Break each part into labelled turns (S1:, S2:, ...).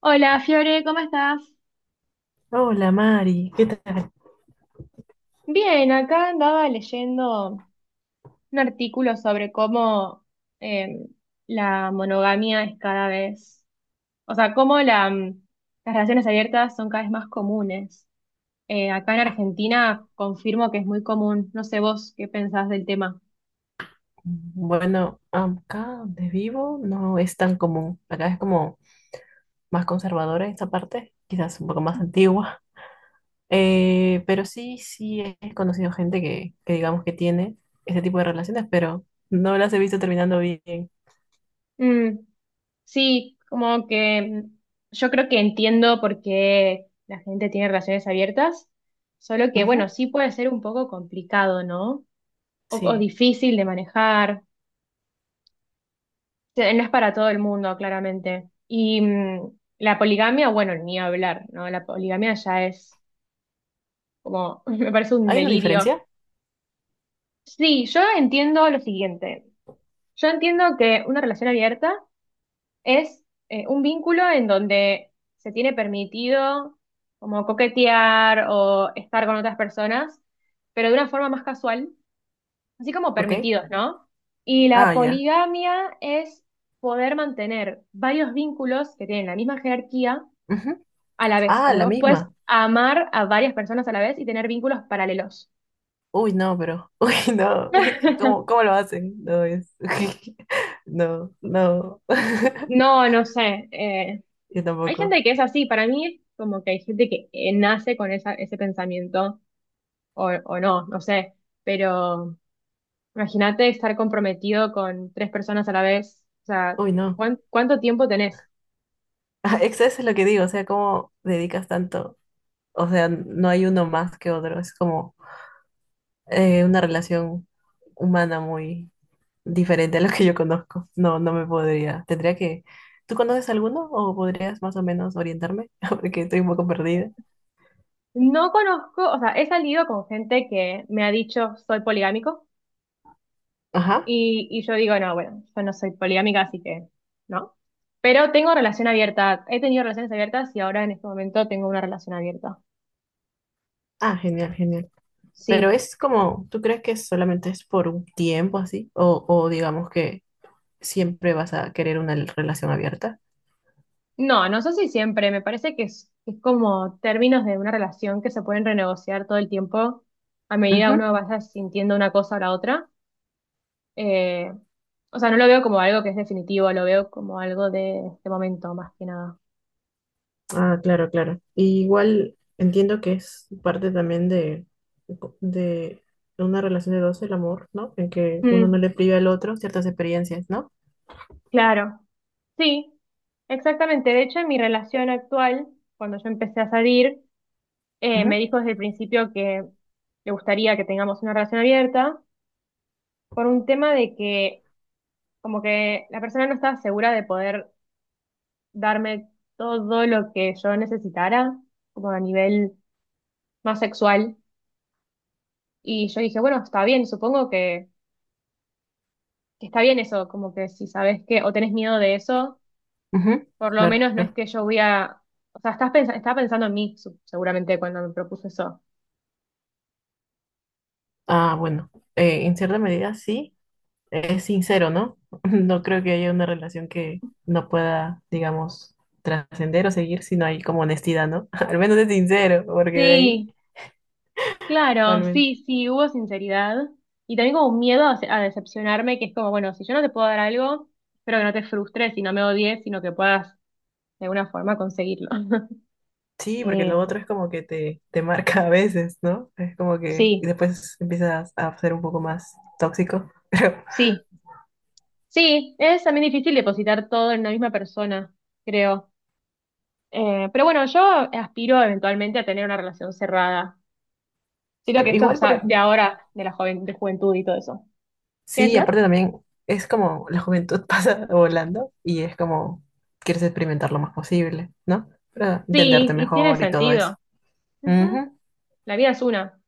S1: Hola, Fiore, ¿cómo estás?
S2: Hola Mari, ¿qué tal?
S1: Bien, acá andaba leyendo un artículo sobre cómo eh, la monogamia es cada vez, o sea, cómo la, mm, las relaciones abiertas son cada vez más comunes. Acá en Argentina confirmo que es muy común. No sé vos qué pensás del tema.
S2: Bueno, acá donde vivo no es tan común. Acá es como más conservadora en esta parte, quizás un poco más antigua. Pero sí, sí he conocido gente que digamos que tiene este tipo de relaciones, pero no las he visto terminando bien.
S1: Mm, sí, como que mm, yo creo que entiendo por qué la gente tiene relaciones abiertas, solo que
S2: Ujú.
S1: bueno, sí puede ser un poco complicado, ¿no? O
S2: Sí.
S1: difícil de manejar. O no es para todo el mundo, claramente. Y mm, la poligamia, bueno, ni hablar, ¿no? La poligamia ya es como, me parece un
S2: ¿Hay una
S1: delirio.
S2: diferencia?
S1: Sí, yo entiendo lo siguiente. Yo entiendo que una relación abierta es un vínculo en donde se tiene permitido como coquetear o estar con otras personas, pero de una forma más casual, así como
S2: ¿Ok?
S1: permitidos, ¿no? Y
S2: Ah,
S1: la
S2: ya.
S1: poligamia es poder mantener varios vínculos que tienen la misma jerarquía
S2: Ujú.
S1: a la vez,
S2: Ah,
S1: como
S2: la
S1: que vos puedes
S2: misma.
S1: amar a varias personas a la vez y tener vínculos paralelos.
S2: Uy, no, pero. Uy, no. ¿Cómo, cómo lo hacen? No es. No, no.
S1: No, no sé.
S2: Yo
S1: Hay
S2: tampoco.
S1: gente que es así, para mí es como que hay gente que nace con esa, ese pensamiento o no, no sé. Pero imagínate estar comprometido con tres personas a la vez. O sea,
S2: Uy, no.
S1: ¿cuánto tiempo tenés?
S2: Ah, eso es lo que digo, o sea, ¿cómo dedicas tanto? O sea, no hay uno más que otro, es como una relación humana muy diferente a lo que yo conozco. No, no me podría. Tendría que... ¿Tú conoces alguno o podrías más o menos orientarme? Porque estoy un poco perdida.
S1: No conozco, o sea, he salido con gente que me ha dicho soy poligámico
S2: Ajá.
S1: y yo digo, no, bueno, yo no soy poligámica, así que no. Pero tengo relación abierta, he tenido relaciones abiertas y ahora en este momento tengo una relación abierta.
S2: Ah, genial, genial. Pero
S1: Sí.
S2: es como, ¿tú crees que solamente es por un tiempo así? O digamos que siempre vas a querer una relación abierta?
S1: No, no sé si siempre, me parece que es como términos de una relación que se pueden renegociar todo el tiempo a medida que
S2: Ujú.
S1: uno vaya sintiendo una cosa o la otra. Eh, o sea, no lo veo como algo que es definitivo, lo veo como algo de este momento más que nada.
S2: Ah, claro, claro. Y igual entiendo que es parte también de una relación de dos, el amor, ¿no? En que uno no
S1: Mm,
S2: le priva al otro ciertas experiencias, ¿no?
S1: claro. Sí, exactamente. De hecho, en mi relación actual, cuando yo empecé a salir, me
S2: Ujú,
S1: dijo desde el principio que le gustaría que tengamos una relación abierta por un tema de que como que la persona no estaba segura de poder darme todo lo que yo necesitara, como a nivel más sexual. Y yo dije, bueno, está bien, supongo que está bien eso, como que si sabes que o tenés miedo de eso,
S2: ujú.
S1: por lo
S2: Claro.
S1: menos no es que yo voy a... O sea, estaba pensando en mí, seguramente, cuando me propuso eso.
S2: Ah, bueno, en cierta medida sí, es sincero, ¿no? No creo que haya una relación que no pueda, digamos, trascender o seguir si no hay como honestidad, ¿no? Al menos es sincero, porque de
S1: Sí, claro,
S2: ahí.
S1: sí, sí, hubo sinceridad y también como un miedo a decepcionarme, que es como, bueno, si yo no te puedo dar algo, espero que no te frustres y no me odies, sino que puedas de alguna forma conseguirlo.
S2: Sí, porque
S1: Eh,
S2: lo otro es como que te marca a veces, ¿no? Es como que
S1: sí,
S2: y después empiezas a ser un poco más tóxico. Pero
S1: sí, sí, es también difícil depositar todo en una misma persona, creo. Pero bueno, yo aspiro eventualmente a tener una relación cerrada. Siento que
S2: claro,
S1: esto
S2: igual,
S1: es
S2: por
S1: de
S2: ejemplo,
S1: ahora, de la joven, de juventud y todo eso. ¿Qué
S2: sí,
S1: decías?
S2: aparte también es como la juventud pasa volando y es como quieres experimentar lo más posible, ¿no? Para
S1: Sí,
S2: entenderte
S1: y tiene
S2: mejor y todo eso.
S1: sentido. Ujú,
S2: Ujú.
S1: la vida es una.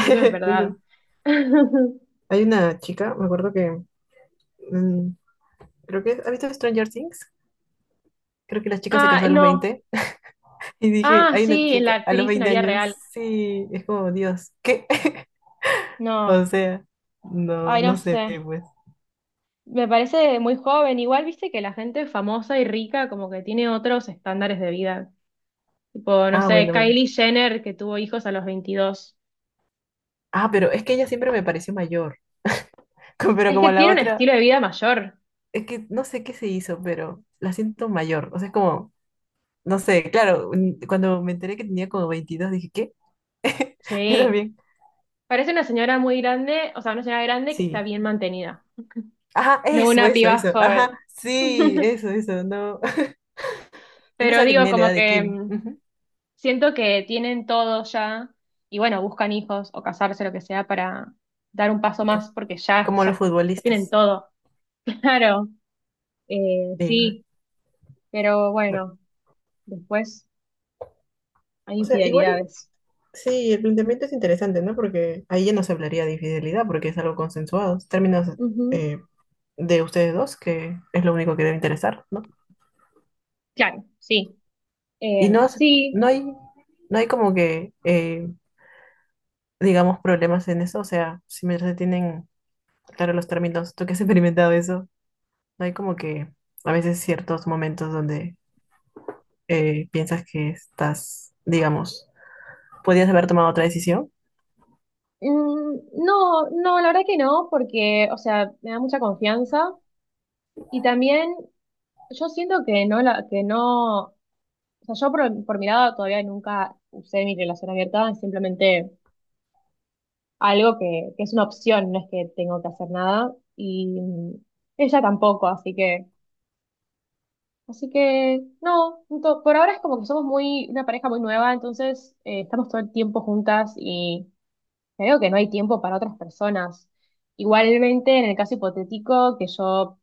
S1: Eso es verdad.
S2: Tengo- Hay una chica, me acuerdo que, mm, creo que, ¿has visto Stranger Things? Creo que la chica se
S1: Ah,
S2: casó a los
S1: no.
S2: 20. Y dije,
S1: Ah,
S2: hay una
S1: sí, la
S2: chica a los
S1: actriz en la
S2: 20
S1: vida real.
S2: años, sí, es como Dios, ¿qué? O
S1: No.
S2: sea, no,
S1: Ay, no
S2: no sé,
S1: sé.
S2: pues.
S1: Me parece muy joven. Igual, viste que la gente famosa y rica como que tiene otros estándares de vida. Tipo, no
S2: Ah,
S1: sé,
S2: bueno, bueno.
S1: Kylie Jenner que tuvo hijos a los 22.
S2: Ah, pero es que ella siempre me pareció mayor. Co- Pero
S1: Es
S2: como
S1: que
S2: la
S1: tiene un
S2: otra,
S1: estilo de vida mayor.
S2: es que no sé qué se hizo, pero la siento mayor. O sea, es como, no sé, claro, cuando me enteré que tenía como 22 dije, ¿qué? Yo
S1: Sí.
S2: también.
S1: Parece una señora muy grande, o sea, una señora grande que está
S2: Sí.
S1: bien mantenida.
S2: Ajá,
S1: No
S2: eso,
S1: una
S2: eso,
S1: piba
S2: eso. Ajá,
S1: joven.
S2: sí, eso, no. Yo
S1: Pero
S2: pensaba que
S1: digo,
S2: tenía la
S1: como
S2: edad de
S1: que
S2: Kim.
S1: mm,
S2: Ujú.
S1: siento que tienen todo ya y bueno, buscan hijos o casarse, lo que sea, para dar un paso
S2: Co-
S1: más porque ya,
S2: Como los
S1: ya, ya tienen
S2: futbolistas.
S1: todo. Claro,
S2: Sí,
S1: sí, pero
S2: bueno.
S1: bueno, después hay
S2: O sea, igual
S1: infidelidades.
S2: sí, el planteamiento es interesante, ¿no? Porque ahí ya no se hablaría de infidelidad, porque es algo consensuado. Es términos
S1: Ujú,
S2: eh, de ustedes dos, que es lo único que debe interesar, ¿no?
S1: claro, sí.
S2: Y no, es-
S1: Sí,
S2: no hay, no hay como que, digamos, problemas en eso. O sea, si me se tienen claro los términos, tú que has experimentado eso, no hay como que a veces ciertos momentos donde piensas que estás, digamos, podías haber tomado otra decisión.
S1: mm, no, no, la verdad que no, porque, o sea, me da mucha confianza y también yo siento que no, o sea, yo por mi lado todavía nunca usé mi relación abierta, simplemente algo que es una opción, no es que tengo que hacer nada. Y mm, ella tampoco, así que no, por ahora es como que somos muy, una pareja muy nueva, entonces estamos todo el tiempo juntas y creo que no hay tiempo para otras personas. Igualmente, en el caso hipotético, que yo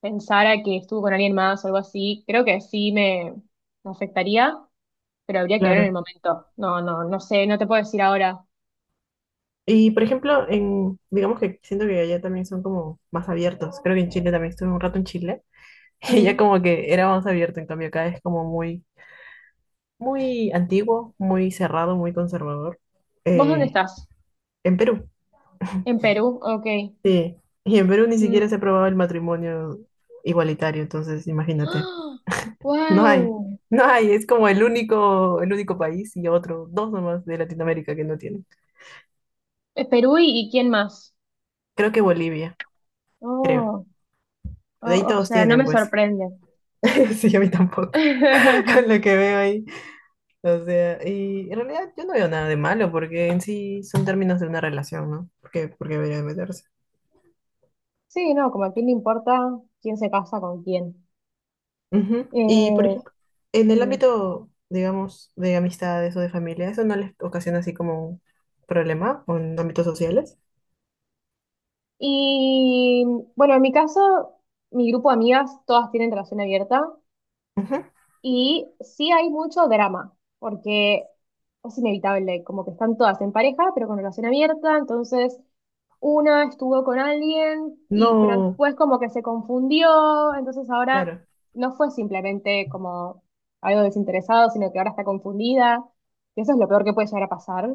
S1: pensara que estuve con alguien más o algo así, creo que sí me afectaría, pero habría que ver en el
S2: Claro.
S1: momento. No, no, no sé, no te puedo decir ahora.
S2: Y por ejemplo, en, digamos que siento que allá también son como más abiertos. Creo que en Chile también estuve un rato en Chile. Y ya
S1: Mm,
S2: como que era más abierto, en cambio acá es como muy, muy antiguo, muy cerrado, muy conservador.
S1: ¿vos dónde
S2: Eh,
S1: estás?
S2: en Perú,
S1: En Perú, ok.
S2: sí. Y en Perú ni siquiera se
S1: ¡Wow!
S2: aprobaba el matrimonio igualitario, entonces imagínate. No hay, no hay, es como el único país y otro, dos nomás de Latinoamérica que no tienen.
S1: Perú y quién más.
S2: Creo que Bolivia, creo.
S1: Oh,
S2: De ahí
S1: o
S2: todos
S1: sea, no
S2: tienen,
S1: me
S2: pues.
S1: sorprende.
S2: Sí, a mí tampoco. Con lo que veo ahí. O sea, y en realidad yo no veo nada de malo porque en sí son términos de una relación, ¿no? ¿Porque porque debería de meterse?
S1: Sí, no, como a quién le importa quién se casa con quién.
S2: Ujú. Y, por
S1: Eh,
S2: ejemplo, en el
S1: mm.
S2: ámbito, digamos, de amistades o de familia, ¿eso no les ocasiona así como un problema o en ámbitos sociales?
S1: Y bueno, en mi caso, mi grupo de amigas todas tienen relación abierta.
S2: Ujú.
S1: Y sí hay mucho drama, porque es inevitable, como que están todas en pareja, pero con relación abierta, entonces una estuvo con alguien, y, pero
S2: No,
S1: después como que se confundió, entonces ahora
S2: claro.
S1: no fue simplemente como algo desinteresado, sino que ahora está confundida, y eso es lo peor que puede llegar a pasar.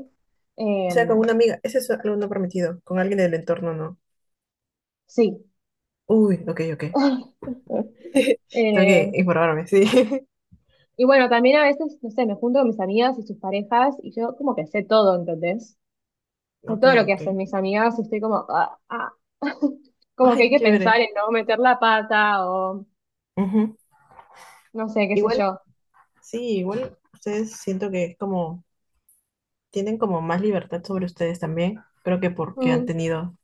S2: O sea, con
S1: Em,
S2: una amiga, eso es algo no permitido. Con alguien del entorno, no.
S1: sí.
S2: Uy, ok, ok. Tengo que
S1: Eh,
S2: informarme, sí.
S1: y bueno, también a veces, no sé, me junto con mis amigas y sus parejas y yo como que sé todo, ¿entendés? De
S2: Ok,
S1: todo lo que
S2: ok.
S1: hacen mis amigas, y estoy como, ah, ah. Como que
S2: Ay,
S1: hay
S2: qué
S1: que pensar
S2: chévere.
S1: en no meter la pata o
S2: Ujú.
S1: no sé, qué sé
S2: Igual
S1: yo.
S2: sí, igual ustedes siento que es como, tienen como más libertad sobre ustedes también. Creo que porque han
S1: Mm,
S2: tenido,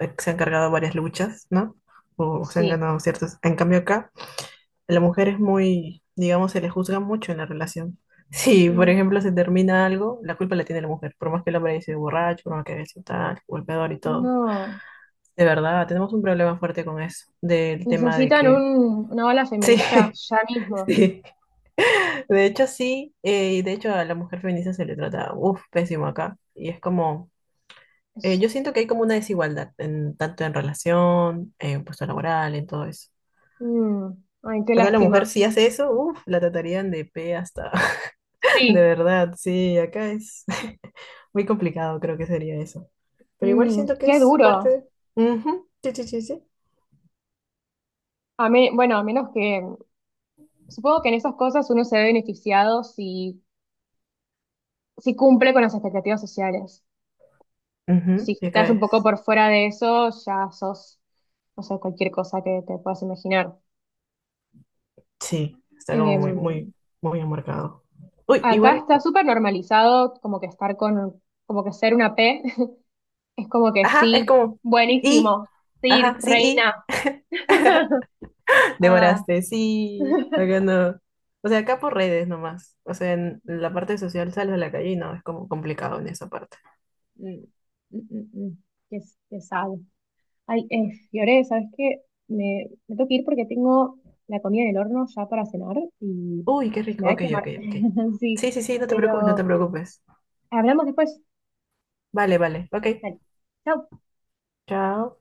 S2: se han cargado varias luchas, ¿no? O se han
S1: sí,
S2: ganado ciertas. En cambio acá, la mujer es muy, digamos, se le juzga mucho en la relación. Si, por
S1: mm,
S2: ejemplo, se termina algo, la culpa la tiene la mujer. Por más que el hombre haya sido borracho, por más que haya sido tal, golpeador y todo.
S1: no.
S2: De verdad, tenemos un problema fuerte con eso, del tema de
S1: Necesitan un,
S2: que,
S1: una ola
S2: sí,
S1: feminista ya mismo.
S2: sí. De hecho, sí, y de hecho a la mujer feminista se le trata, uff, pésimo acá. Y es como,
S1: Es-
S2: yo siento que hay como una desigualdad, en, tanto en relación, en puesto laboral, en todo eso.
S1: mm, ay, qué
S2: Acá la
S1: lástima.
S2: mujer si hace eso, uff, la tratarían de pe hasta, de
S1: Sí,
S2: verdad, sí, acá es muy complicado, creo que sería eso. Pero igual
S1: mm,
S2: siento que
S1: qué
S2: es parte
S1: duro.
S2: de... Ujú, sí, sí, sí, sí.
S1: Bueno, a menos que, supongo que en esas cosas uno se ve beneficiado si, si cumple con las expectativas sociales. Si
S2: Ujú, y
S1: estás
S2: acá
S1: un
S2: es,
S1: poco por fuera de eso, ya sos, no sé, cualquier cosa que te puedas imaginar.
S2: sí, está como
S1: Eh,
S2: muy, muy, muy enmarcado. Uy,
S1: Acá
S2: igual
S1: está súper normalizado como que estar con, como que ser una P, es como que
S2: ajá, es
S1: sí,
S2: como, y,
S1: buenísimo, sí,
S2: ajá, sí, y,
S1: reina. Ah,
S2: devoraste, sí,
S1: mm,
S2: acá no. O sea, acá por redes nomás. O sea, en la parte social sales a la calle y no, es como complicado en esa parte.
S1: mm, mm, mm. Qué, qué sad. Ay, Fiore, ¿sabes qué? Me tengo que ir porque tengo la comida en el horno ya para cenar y
S2: Uy, qué
S1: se me
S2: rico.
S1: va a
S2: Ok,
S1: quemar.
S2: ok, ok.
S1: Sí,
S2: Sí, sí, sí, no te preocupes, no
S1: pero
S2: te preocupes.
S1: hablamos después.
S2: Vale, vale, ok.
S1: Dale. Chau.
S2: Chao.